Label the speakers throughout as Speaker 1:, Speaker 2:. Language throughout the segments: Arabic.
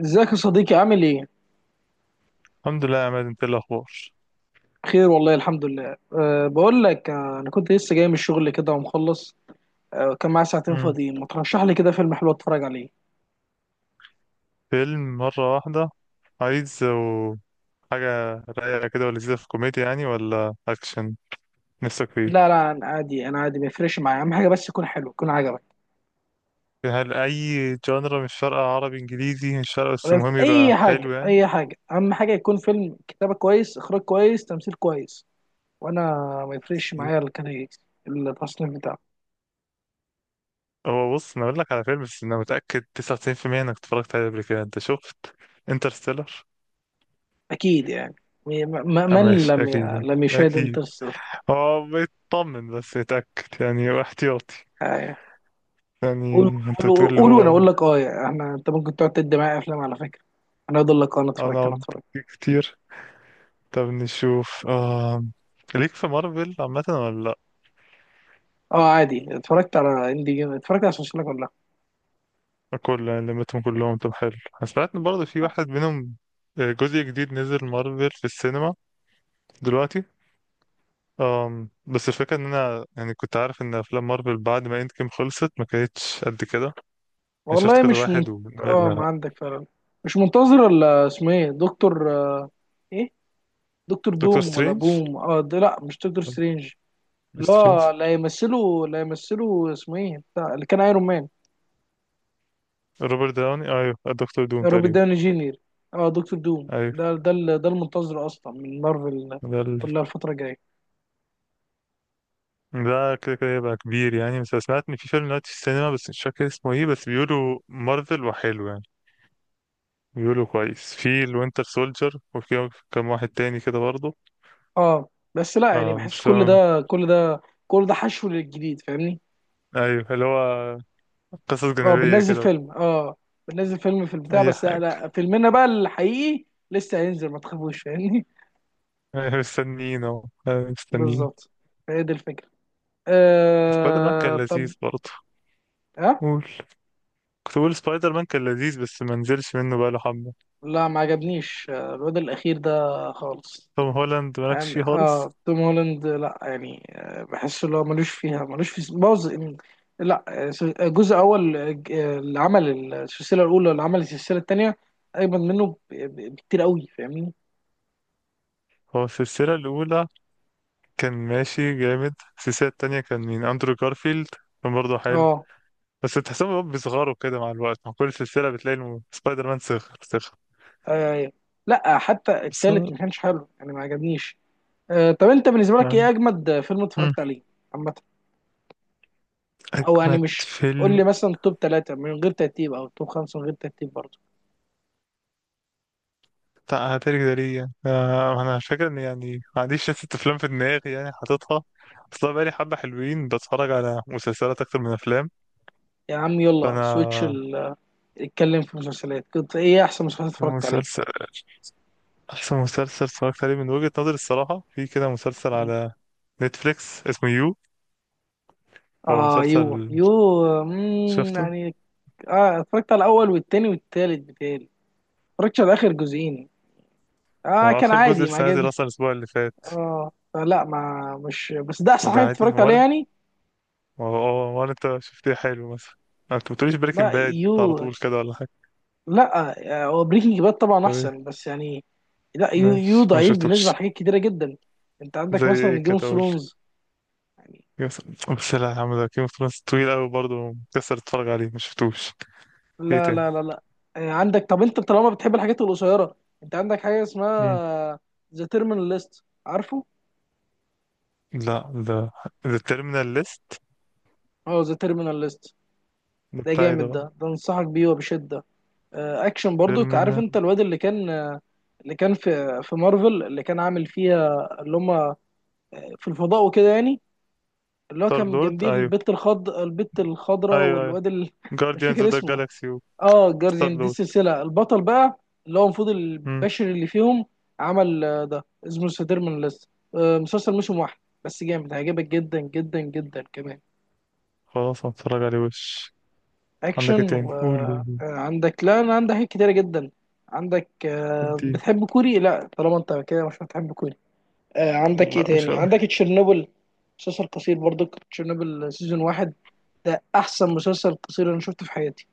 Speaker 1: ازيك يا صديقي عامل ايه؟
Speaker 2: الحمد لله يا عماد، انت ايه الاخبار؟
Speaker 1: بخير والله الحمد لله أه بقول لك انا كنت لسه جاي من الشغل كده ومخلص أه كان معايا ساعتين
Speaker 2: مم.
Speaker 1: فاضيين ما ترشح لي كده فيلم حلو اتفرج عليه.
Speaker 2: فيلم مره واحده. عايز و- حاجه رايقه كده ولذيذه، في كوميديا يعني ولا اكشن نفسك فيه؟
Speaker 1: لا انا عادي، ما يفرقش معايا، اهم حاجه بس يكون حلو يكون عجبك،
Speaker 2: هل اي جانرا مش فارقه، عربي انجليزي مش فارقه، بس
Speaker 1: ولا في
Speaker 2: المهم يبقى
Speaker 1: اي حاجه.
Speaker 2: حلو يعني.
Speaker 1: اي حاجه اهم حاجه يكون فيلم كتابه كويس، اخراج كويس، تمثيل كويس، وانا ما يفرقش معايا الكاتيجوري، التصنيف بتاعه.
Speaker 2: هو بص، انا اقول لك على فيلم بس انا متاكد 99% انك اتفرجت عليه قبل كده. انت شفت انترستيلر؟
Speaker 1: اكيد يعني م-
Speaker 2: اه
Speaker 1: من
Speaker 2: ماشي، اكيد
Speaker 1: لم يشاهد
Speaker 2: اكيد.
Speaker 1: انترستيلر.
Speaker 2: هو بيطمن بس يتاكد يعني، احتياطي يعني.
Speaker 1: قول
Speaker 2: انت بتقول
Speaker 1: قول
Speaker 2: اللي
Speaker 1: قول وانا
Speaker 2: هو.
Speaker 1: اقول لك، اه يعني احنا، انت ممكن تقعد تدي معايا افلام على فكره. انا اقول لك اه، انا اتفرجت، انا
Speaker 2: انا
Speaker 1: اتفرجت
Speaker 2: كتير. طب نشوف. ليك في مارفل عامة ولا
Speaker 1: اه عادي، اتفرجت على اندي جيم، اتفرجت على سلسله كلها.
Speaker 2: لأ؟ كل يعني لمتهم كلهم، طب حلو. أنا سمعت إن برضه في واحد منهم، جزء جديد نزل مارفل في السينما دلوقتي. بس الفكرة إن أنا يعني كنت عارف إن أفلام مارفل بعد ما إند جيم خلصت ما كانتش قد كده. أنا شفت
Speaker 1: والله
Speaker 2: كذا
Speaker 1: مش
Speaker 2: واحد
Speaker 1: منت... اه ما
Speaker 2: لا،
Speaker 1: عندك فعلا، مش منتظر. ولا اسمه ايه، دكتور ايه، دكتور
Speaker 2: دكتور
Speaker 1: دوم ولا
Speaker 2: سترينج.
Speaker 1: بوم؟ اه ده، لا مش دكتور سترينج.
Speaker 2: دكتور سترينج
Speaker 1: لا لا يمثله، اسمه ايه بتاع اللي كان ايرون مان.
Speaker 2: روبرت داوني، أيوه الدكتور دوم
Speaker 1: روبرت
Speaker 2: تقريبا.
Speaker 1: داوني جينير. اه دكتور دوم
Speaker 2: أيوه
Speaker 1: ده، ده المنتظر اصلا من مارفل
Speaker 2: ده
Speaker 1: كلها الفتره الجايه.
Speaker 2: ده كده كده يبقى كبير يعني. بس أنا سمعت ان في فيلم دلوقتي في السينما بس مش فاكر اسمه ايه، بس بيقولوا مارفل وحلو يعني. بيقولوا كويس في الوينتر سولجر، وفي كام واحد تاني كده برضه.
Speaker 1: اه بس لا يعني، بحس
Speaker 2: مش فاهم.
Speaker 1: كل ده حشو للجديد، فاهمني.
Speaker 2: ايوه، اللي هو قصص
Speaker 1: اه
Speaker 2: جانبية
Speaker 1: بننزل
Speaker 2: كده.
Speaker 1: فيلم، اه بننزل فيلم في البتاع،
Speaker 2: اي
Speaker 1: بس لا
Speaker 2: حاجة.
Speaker 1: لا، فيلمنا بقى الحقيقي لسه هينزل، ما تخافوش فاهمني.
Speaker 2: مستنيين اهو. مستنيين.
Speaker 1: بالظبط، هي دي الفكرة.
Speaker 2: سبايدر مان كان
Speaker 1: آه طب،
Speaker 2: لذيذ برضه.
Speaker 1: ها،
Speaker 2: قول. كنت بقول سبايدر مان كان لذيذ بس ما نزلش منه بقاله حبة.
Speaker 1: لا ما عجبنيش الواد الأخير ده خالص.
Speaker 2: توم هولاند مالكش
Speaker 1: يعني
Speaker 2: فيه خالص.
Speaker 1: اه توم هولاند، لا يعني بحس اللي هو ملوش فيها، ملوش في بوظ. لا جزء اول، اللي عمل السلسله الاولى، اللي عمل السلسله الثانيه اجمد منه بكتير قوي، فاهمني.
Speaker 2: هو السلسلة الأولى كان ماشي جامد. السلسلة التانية كان مين؟ أندرو جارفيلد، كان برضه حلو.
Speaker 1: اه،
Speaker 2: بس تحسهم هو بيصغروا كده مع الوقت، مع كل سلسلة بتلاقي سبايدر مان صغر صغر.
Speaker 1: آه، لا حتى
Speaker 2: بس
Speaker 1: الثالث
Speaker 2: هو
Speaker 1: ما كانش حلو يعني، ما عجبنيش. طب انت بالنسبه لك ايه
Speaker 2: يعني.
Speaker 1: اجمد فيلم
Speaker 2: مم.
Speaker 1: اتفرجت عليه عامه؟ او يعني
Speaker 2: أجمد
Speaker 1: مش قول
Speaker 2: فيلم
Speaker 1: لي مثلا توب ثلاثه من غير ترتيب، او توب خمسه من غير ترتيب برضه.
Speaker 2: بتاع هتاري ده ليه يعني؟ أنا فاكر إن يعني ما عنديش ست أفلام في دماغي يعني حاططها أصلا، بقالي حبة حلوين بتفرج على مسلسلات أكتر من أفلام.
Speaker 1: يا عم يلا سويتش
Speaker 2: فأنا
Speaker 1: اتكلم في مسلسلات، كنت ايه احسن مسلسلات
Speaker 2: في
Speaker 1: اتفرجت عليها؟
Speaker 2: مسلسل، أحسن مسلسل اتفرجت عليه من وجهة نظري الصراحة، في كده مسلسل
Speaker 1: مين؟
Speaker 2: على نتفليكس اسمه يو. هو
Speaker 1: اه يو،
Speaker 2: مسلسل.
Speaker 1: يو، مم
Speaker 2: شفته؟
Speaker 1: يعني. اه اتفرجت على الاول والتاني والتالت، بتالي اتفرجتش على اخر جزئين. اه
Speaker 2: هو
Speaker 1: كان
Speaker 2: آخر جزء
Speaker 1: عادي، ما
Speaker 2: لسه نازل
Speaker 1: عجبني.
Speaker 2: أصلا الأسبوع اللي فات،
Speaker 1: اه فلا ما مش، بس ده احسن
Speaker 2: وده
Speaker 1: حاجه
Speaker 2: عادي
Speaker 1: اتفرجت عليها
Speaker 2: وارد.
Speaker 1: يعني.
Speaker 2: وهو هو وارد. أنت شفتيه حلو مثلا؟ أنت بتقوليش
Speaker 1: لا
Speaker 2: بريكنج باد على
Speaker 1: يو.
Speaker 2: طول كده ولا حاجة؟
Speaker 1: لا هو بريكنج باد طبعا
Speaker 2: طب إيه؟
Speaker 1: احسن، بس يعني لا، يو
Speaker 2: ماشي، ما
Speaker 1: ضعيف بالنسبه
Speaker 2: شفتوش.
Speaker 1: لحاجات كتيره جدا. انت عندك
Speaker 2: زي إيه
Speaker 1: مثلا جيم
Speaker 2: كده
Speaker 1: اوف
Speaker 2: أقول؟
Speaker 1: ثرونز يعني.
Speaker 2: بس لا يا عم، ده جيم اوف ثرونز طويل أوي برضه، مكسر تتفرج عليه، ما شفتوش. إيه
Speaker 1: لا
Speaker 2: تاني؟
Speaker 1: لا لا لا عندك، طب انت طالما بتحب الحاجات القصيره، انت عندك حاجه
Speaker 2: مم.
Speaker 1: اسمها ذا تيرمينال ليست، عارفه؟
Speaker 2: لا ده تيرمينال ليست.
Speaker 1: اه ذا تيرمينال ليست،
Speaker 2: ده
Speaker 1: ده
Speaker 2: بتاعي ده
Speaker 1: جامد
Speaker 2: بقى.
Speaker 1: ده، انصحك بيه وبشده. اكشن برضو. عارف انت
Speaker 2: تيرمينال.
Speaker 1: الواد اللي كان اللي كان في مارفل، اللي كان عامل فيها اللي هم في الفضاء وكده يعني، اللي هو
Speaker 2: ستار
Speaker 1: كان
Speaker 2: لورد،
Speaker 1: جنبيه
Speaker 2: أيوه
Speaker 1: البت الخضراء
Speaker 2: أيوه أيوه.
Speaker 1: والواد مش
Speaker 2: جارديانز
Speaker 1: فاكر
Speaker 2: أوف ذا
Speaker 1: اسمه.
Speaker 2: جالاكسي.
Speaker 1: اه
Speaker 2: ستار
Speaker 1: جارديان، دي
Speaker 2: لورد.
Speaker 1: السلسله البطل بقى، اللي هو المفروض
Speaker 2: مم.
Speaker 1: البشري اللي فيهم عمل ده اسمه ذا تيرمينال ليست، مسلسل موسم واحد بس جامد، هيعجبك جدا جدا جدا كمان.
Speaker 2: خلاص هتفرج عليه وش. عندك إيه
Speaker 1: اكشن،
Speaker 2: تاني؟ قول قول قول.
Speaker 1: وعندك، لا انا عندي حاجات كتيره جدا. عندك
Speaker 2: ادي.
Speaker 1: بتحب كوري؟ لا طالما انت كده مش هتحب كوري. عندك ايه
Speaker 2: لا مش
Speaker 1: تاني،
Speaker 2: هو.
Speaker 1: عندك تشيرنوبل، مسلسل قصير برضو، تشيرنوبل سيزون واحد، ده احسن مسلسل قصير انا شفته في حياتي.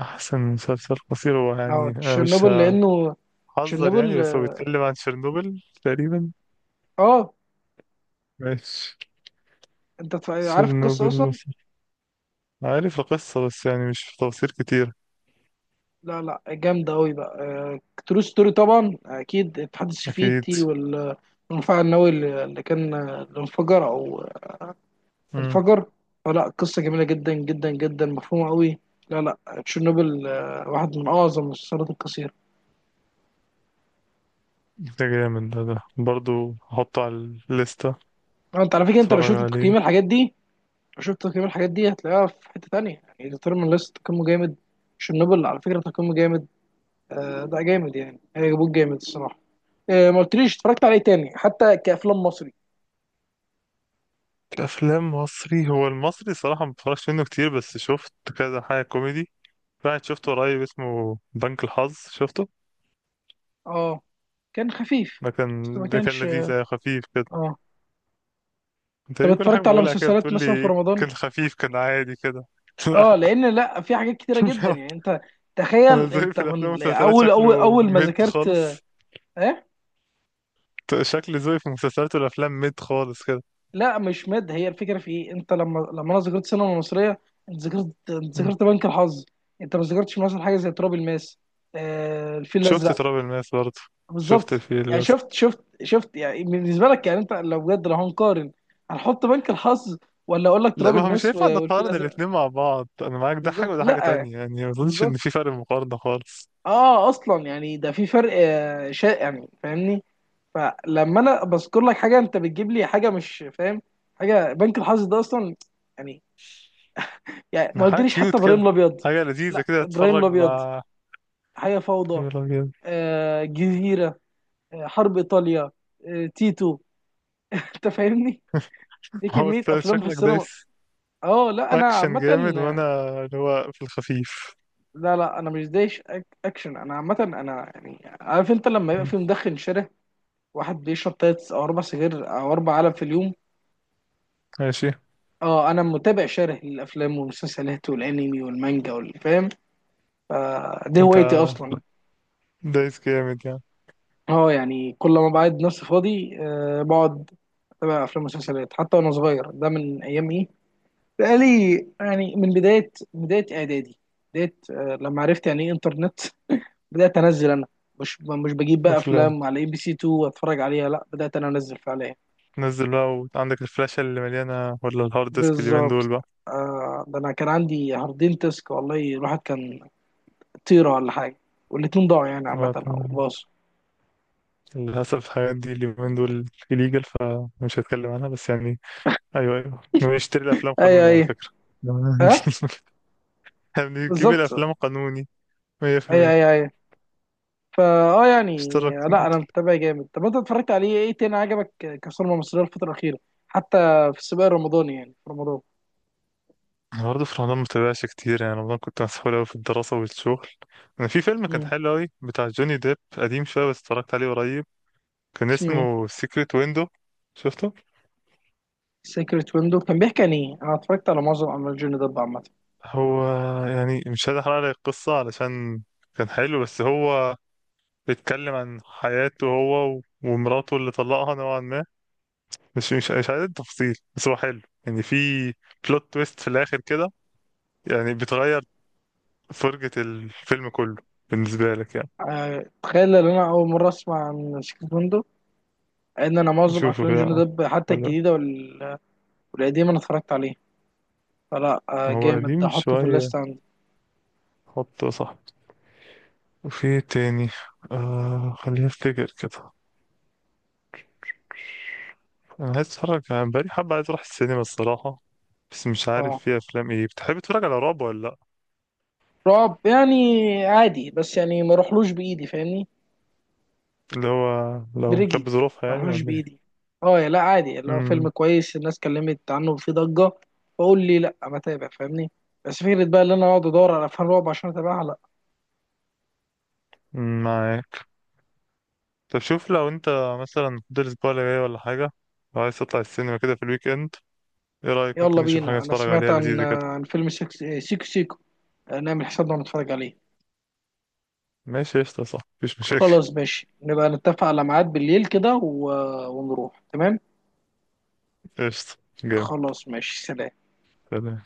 Speaker 2: أحسن مسلسل قصير هو يعني،
Speaker 1: اه
Speaker 2: أنا مش
Speaker 1: تشيرنوبل، لانه
Speaker 2: هحذر يعني
Speaker 1: تشيرنوبل
Speaker 2: بس هو
Speaker 1: اه،
Speaker 2: بيتكلم عن تشيرنوبل تقريبا.
Speaker 1: آه،
Speaker 2: ماشي.
Speaker 1: انت عارف القصه
Speaker 2: تشيرنوبل
Speaker 1: اصلا؟
Speaker 2: مصر. عارف القصة بس يعني مش في تفاصيل كتير.
Speaker 1: لا جامده قوي بقى، ترو ستوري طبعا اكيد، الاتحاد
Speaker 2: أكيد.
Speaker 1: السوفيتي والمفاعل النووي اللي كان اللي انفجر او
Speaker 2: مم.
Speaker 1: انفجر. فلا قصة جميلة جدا جدا جدا، مفهومة قوي. لا لا، تشيرنوبل واحد من أعظم المسلسلات القصيرة.
Speaker 2: ده جامد ده برضو، هحطه على الليستة،
Speaker 1: أنت على فكرة، أنت لو
Speaker 2: اتفرج
Speaker 1: شفت تقييم
Speaker 2: عليه.
Speaker 1: الحاجات دي لو شفت تقييم الحاجات دي هتلاقيها في حتة تانية يعني. ديترمين ليست تقييمه جامد، تشيرنوبل على فكرة تقييمه جامد. ده جامد يعني، هي جابوه جامد الصراحة. ما قلتليش اتفرجت عليه تاني حتى كأفلام مصري؟
Speaker 2: كأفلام مصري، هو المصري صراحة ما بتفرجش منه كتير بس شفت كذا حاجة كوميدي. واحد شفته قريب اسمه بنك الحظ، شفته؟
Speaker 1: اه كان خفيف،
Speaker 2: ده كان
Speaker 1: بس ما
Speaker 2: ده كان
Speaker 1: كانش
Speaker 2: لذيذ،
Speaker 1: اه،
Speaker 2: خفيف كده.
Speaker 1: آه.
Speaker 2: انت
Speaker 1: طب
Speaker 2: ليه كل حاجة
Speaker 1: اتفرجت على
Speaker 2: بقولها كده
Speaker 1: مسلسلات
Speaker 2: بتقول
Speaker 1: مثلا في
Speaker 2: لي
Speaker 1: رمضان؟
Speaker 2: كان خفيف كان عادي كده؟
Speaker 1: اه
Speaker 2: لا.
Speaker 1: لان، لا في حاجات كتيره جدا
Speaker 2: لا.
Speaker 1: يعني انت،
Speaker 2: انا
Speaker 1: تخيل،
Speaker 2: ذوقي
Speaker 1: انت
Speaker 2: في الافلام
Speaker 1: من
Speaker 2: والمسلسلات
Speaker 1: اول اول
Speaker 2: شكله
Speaker 1: اول ما
Speaker 2: ميد
Speaker 1: ذاكرت،
Speaker 2: خالص.
Speaker 1: ايه.
Speaker 2: شكل ذوقي في المسلسلات والافلام ميد خالص كده.
Speaker 1: لا مش مد، هي الفكره في ايه، انت لما انا ذاكرت سينما مصريه، انت ذاكرت،
Speaker 2: مم.
Speaker 1: بنك الحظ، انت ما ذاكرتش مثلا حاجه زي تراب الماس، آه الفيل
Speaker 2: شفت
Speaker 1: الازرق.
Speaker 2: تراب الماس برضه. شفت
Speaker 1: بالظبط،
Speaker 2: الفيل
Speaker 1: يعني
Speaker 2: الازرق.
Speaker 1: شفت يعني. بالنسبه لك يعني، انت لو بجد لو هنقارن، هنحط بنك الحظ ولا اقول لك
Speaker 2: لا،
Speaker 1: تراب
Speaker 2: ما هو مش
Speaker 1: الماس
Speaker 2: هينفع
Speaker 1: والفيل
Speaker 2: نقارن
Speaker 1: الازرق؟
Speaker 2: الاتنين مع بعض. انا معاك، ده حاجة
Speaker 1: بالظبط
Speaker 2: وده حاجة
Speaker 1: لا،
Speaker 2: تانية يعني، ما اظنش ان
Speaker 1: بالظبط.
Speaker 2: في فرق مقارنة خالص.
Speaker 1: اه اصلا يعني ده في فرق شائع يعني، فاهمني. فلما انا بذكر لك حاجه انت بتجيب لي حاجه مش فاهم، حاجه بنك الحظ ده اصلا يعني، يعني ما
Speaker 2: يعني حاجة
Speaker 1: قلتليش حتى
Speaker 2: كيوت
Speaker 1: ابراهيم
Speaker 2: كده،
Speaker 1: الابيض.
Speaker 2: حاجة لذيذة
Speaker 1: لا
Speaker 2: كده
Speaker 1: ابراهيم
Speaker 2: تتفرج
Speaker 1: الابيض،
Speaker 2: مع.
Speaker 1: حياه فوضى،
Speaker 2: يا راجل.
Speaker 1: آه جزيره، آه حرب ايطاليا، آه تيتو، انت فاهمني، دي
Speaker 2: هو
Speaker 1: كميه
Speaker 2: انت
Speaker 1: افلام في
Speaker 2: شكلك
Speaker 1: السينما.
Speaker 2: دايس
Speaker 1: اه لا انا
Speaker 2: اكشن جامد،
Speaker 1: عامه،
Speaker 2: وانا اللي هو في الخفيف.
Speaker 1: لا لا انا مش دايش اكشن، انا عامه انا يعني. عارف انت لما يبقى
Speaker 2: مم.
Speaker 1: في مدخن شارع، واحد بيشرب تلات او اربع سجاير او اربع علب في اليوم،
Speaker 2: ماشي.
Speaker 1: اه انا متابع شره للافلام والمسلسلات والانمي والمانجا والفام، فدي
Speaker 2: انت
Speaker 1: هوايتي اصلا.
Speaker 2: دايس جامد يعني.
Speaker 1: اه يعني كل ما بعد نفسي فاضي آه بقعد اتابع افلام ومسلسلات. حتى وانا صغير ده، من ايام ايه، بقالي يعني من بدايه اعدادي، بدايه آه لما عرفت يعني ايه انترنت، بدات انزل انا. مش بجيب بقى
Speaker 2: افلام
Speaker 1: افلام على اي بي سي 2 واتفرج عليها، لا بدات انا انزل فعليا.
Speaker 2: تنزل بقى، وعندك الفلاشة اللي مليانة ولا الهارد ديسك اليومين دول
Speaker 1: بالظبط،
Speaker 2: بقى؟
Speaker 1: آه ده انا كان عندي هاردين تسك والله، الواحد كان طيره ولا حاجه، والاتنين ضاعوا يعني عامه او
Speaker 2: طبعا،
Speaker 1: باصوا.
Speaker 2: للأسف الحاجات دي اليومين دول إليجال فمش هتكلم عنها، بس يعني أيوه أيوه، ونشتري الأفلام
Speaker 1: ايوه
Speaker 2: قانوني على
Speaker 1: ايوه،
Speaker 2: فكرة.
Speaker 1: ها،
Speaker 2: احنا بنجيب
Speaker 1: بالظبط،
Speaker 2: الأفلام قانوني
Speaker 1: ايوه
Speaker 2: 100%.
Speaker 1: ايوه ايوه. فا اه يعني،
Speaker 2: اشترك.
Speaker 1: لا انا متابع جامد. طب انت اتفرجت عليه ايه تاني عجبك كصورة مصرية الفترة الأخيرة، حتى في السباق الرمضاني يعني في رمضان؟
Speaker 2: أنا برضه في رمضان متابعش كتير، يعني رمضان كنت مسحول أوي في الدراسة والشغل. أنا في فيلم كان
Speaker 1: مم.
Speaker 2: حلو أوي بتاع جوني ديب، قديم شوية بس اتفرجت عليه قريب، كان
Speaker 1: اسمه ايه؟
Speaker 2: اسمه سيكريت ويندو. شفته؟
Speaker 1: سيكريت ويندو، كان بيحكي عن ايه؟ انا اتفرجت على معظم اعمال جوني ديب عامة.
Speaker 2: هو يعني مش عايز احرق لك القصة علشان كان حلو، بس هو بيتكلم عن حياته هو ومراته اللي طلقها نوعا ما. مش عايز التفاصيل بس هو حلو يعني. في بلوت تويست في الآخر كده، يعني بتغير فرجة الفيلم كله بالنسبة لك يعني.
Speaker 1: تخيل ان انا اول مرة اسمع عن سيكريت ويندو، ان انا معظم
Speaker 2: نشوفه
Speaker 1: افلام
Speaker 2: كده.
Speaker 1: جوني ديب حتى
Speaker 2: حلو.
Speaker 1: الجديدة والقديم انا اتفرجت عليه. فلا
Speaker 2: هو
Speaker 1: جامد ده،
Speaker 2: قديم
Speaker 1: احطه في
Speaker 2: شوية،
Speaker 1: الليست عندي.
Speaker 2: حطه صح. وفي إيه تاني؟ خليني افتكر كده. انا عايز اتفرج يعني، بقالي حبة عايز اروح السينما الصراحة. بس مش عارف
Speaker 1: اه
Speaker 2: في افلام ايه. بتحب تتفرج على رعب ولا لا؟
Speaker 1: رعب يعني عادي، بس يعني ما روحلوش بايدي فاهمني،
Speaker 2: اللي هو لو كانت
Speaker 1: برجلي.
Speaker 2: بظروفها
Speaker 1: ما
Speaker 2: يعني،
Speaker 1: روحلوش
Speaker 2: ولا ايه؟
Speaker 1: بايدي. اه يا لا عادي، اللي هو فيلم
Speaker 2: امم.
Speaker 1: كويس الناس اتكلمت عنه وفيه ضجة، بقول لي لا بتابع فاهمني. بس فكرة بقى اللي انا اقعد ادور على افلام رعب عشان اتابعها، لا.
Speaker 2: أمم، معاك. طب شوف لو انت مثلا فاضل الاسبوع اللي جاي ولا حاجه، لو عايز تطلع السينما كده في الويك اند، ايه رايك؟ ممكن
Speaker 1: يلا
Speaker 2: نشوف حاجه
Speaker 1: بينا، انا
Speaker 2: نتفرج
Speaker 1: سمعت
Speaker 2: عليها
Speaker 1: عن
Speaker 2: لذيذه كده.
Speaker 1: فيلم سيكو، سيكو، سيكو. نعمل حسابنا ونتفرج عليه.
Speaker 2: ماشي قشطه، صح، مفيش مشاكل.
Speaker 1: خلاص ماشي، نبقى نتفق على ميعاد بالليل كده ونروح، تمام.
Speaker 2: قشطه جامد.
Speaker 1: خلاص ماشي، سلام.
Speaker 2: سلام.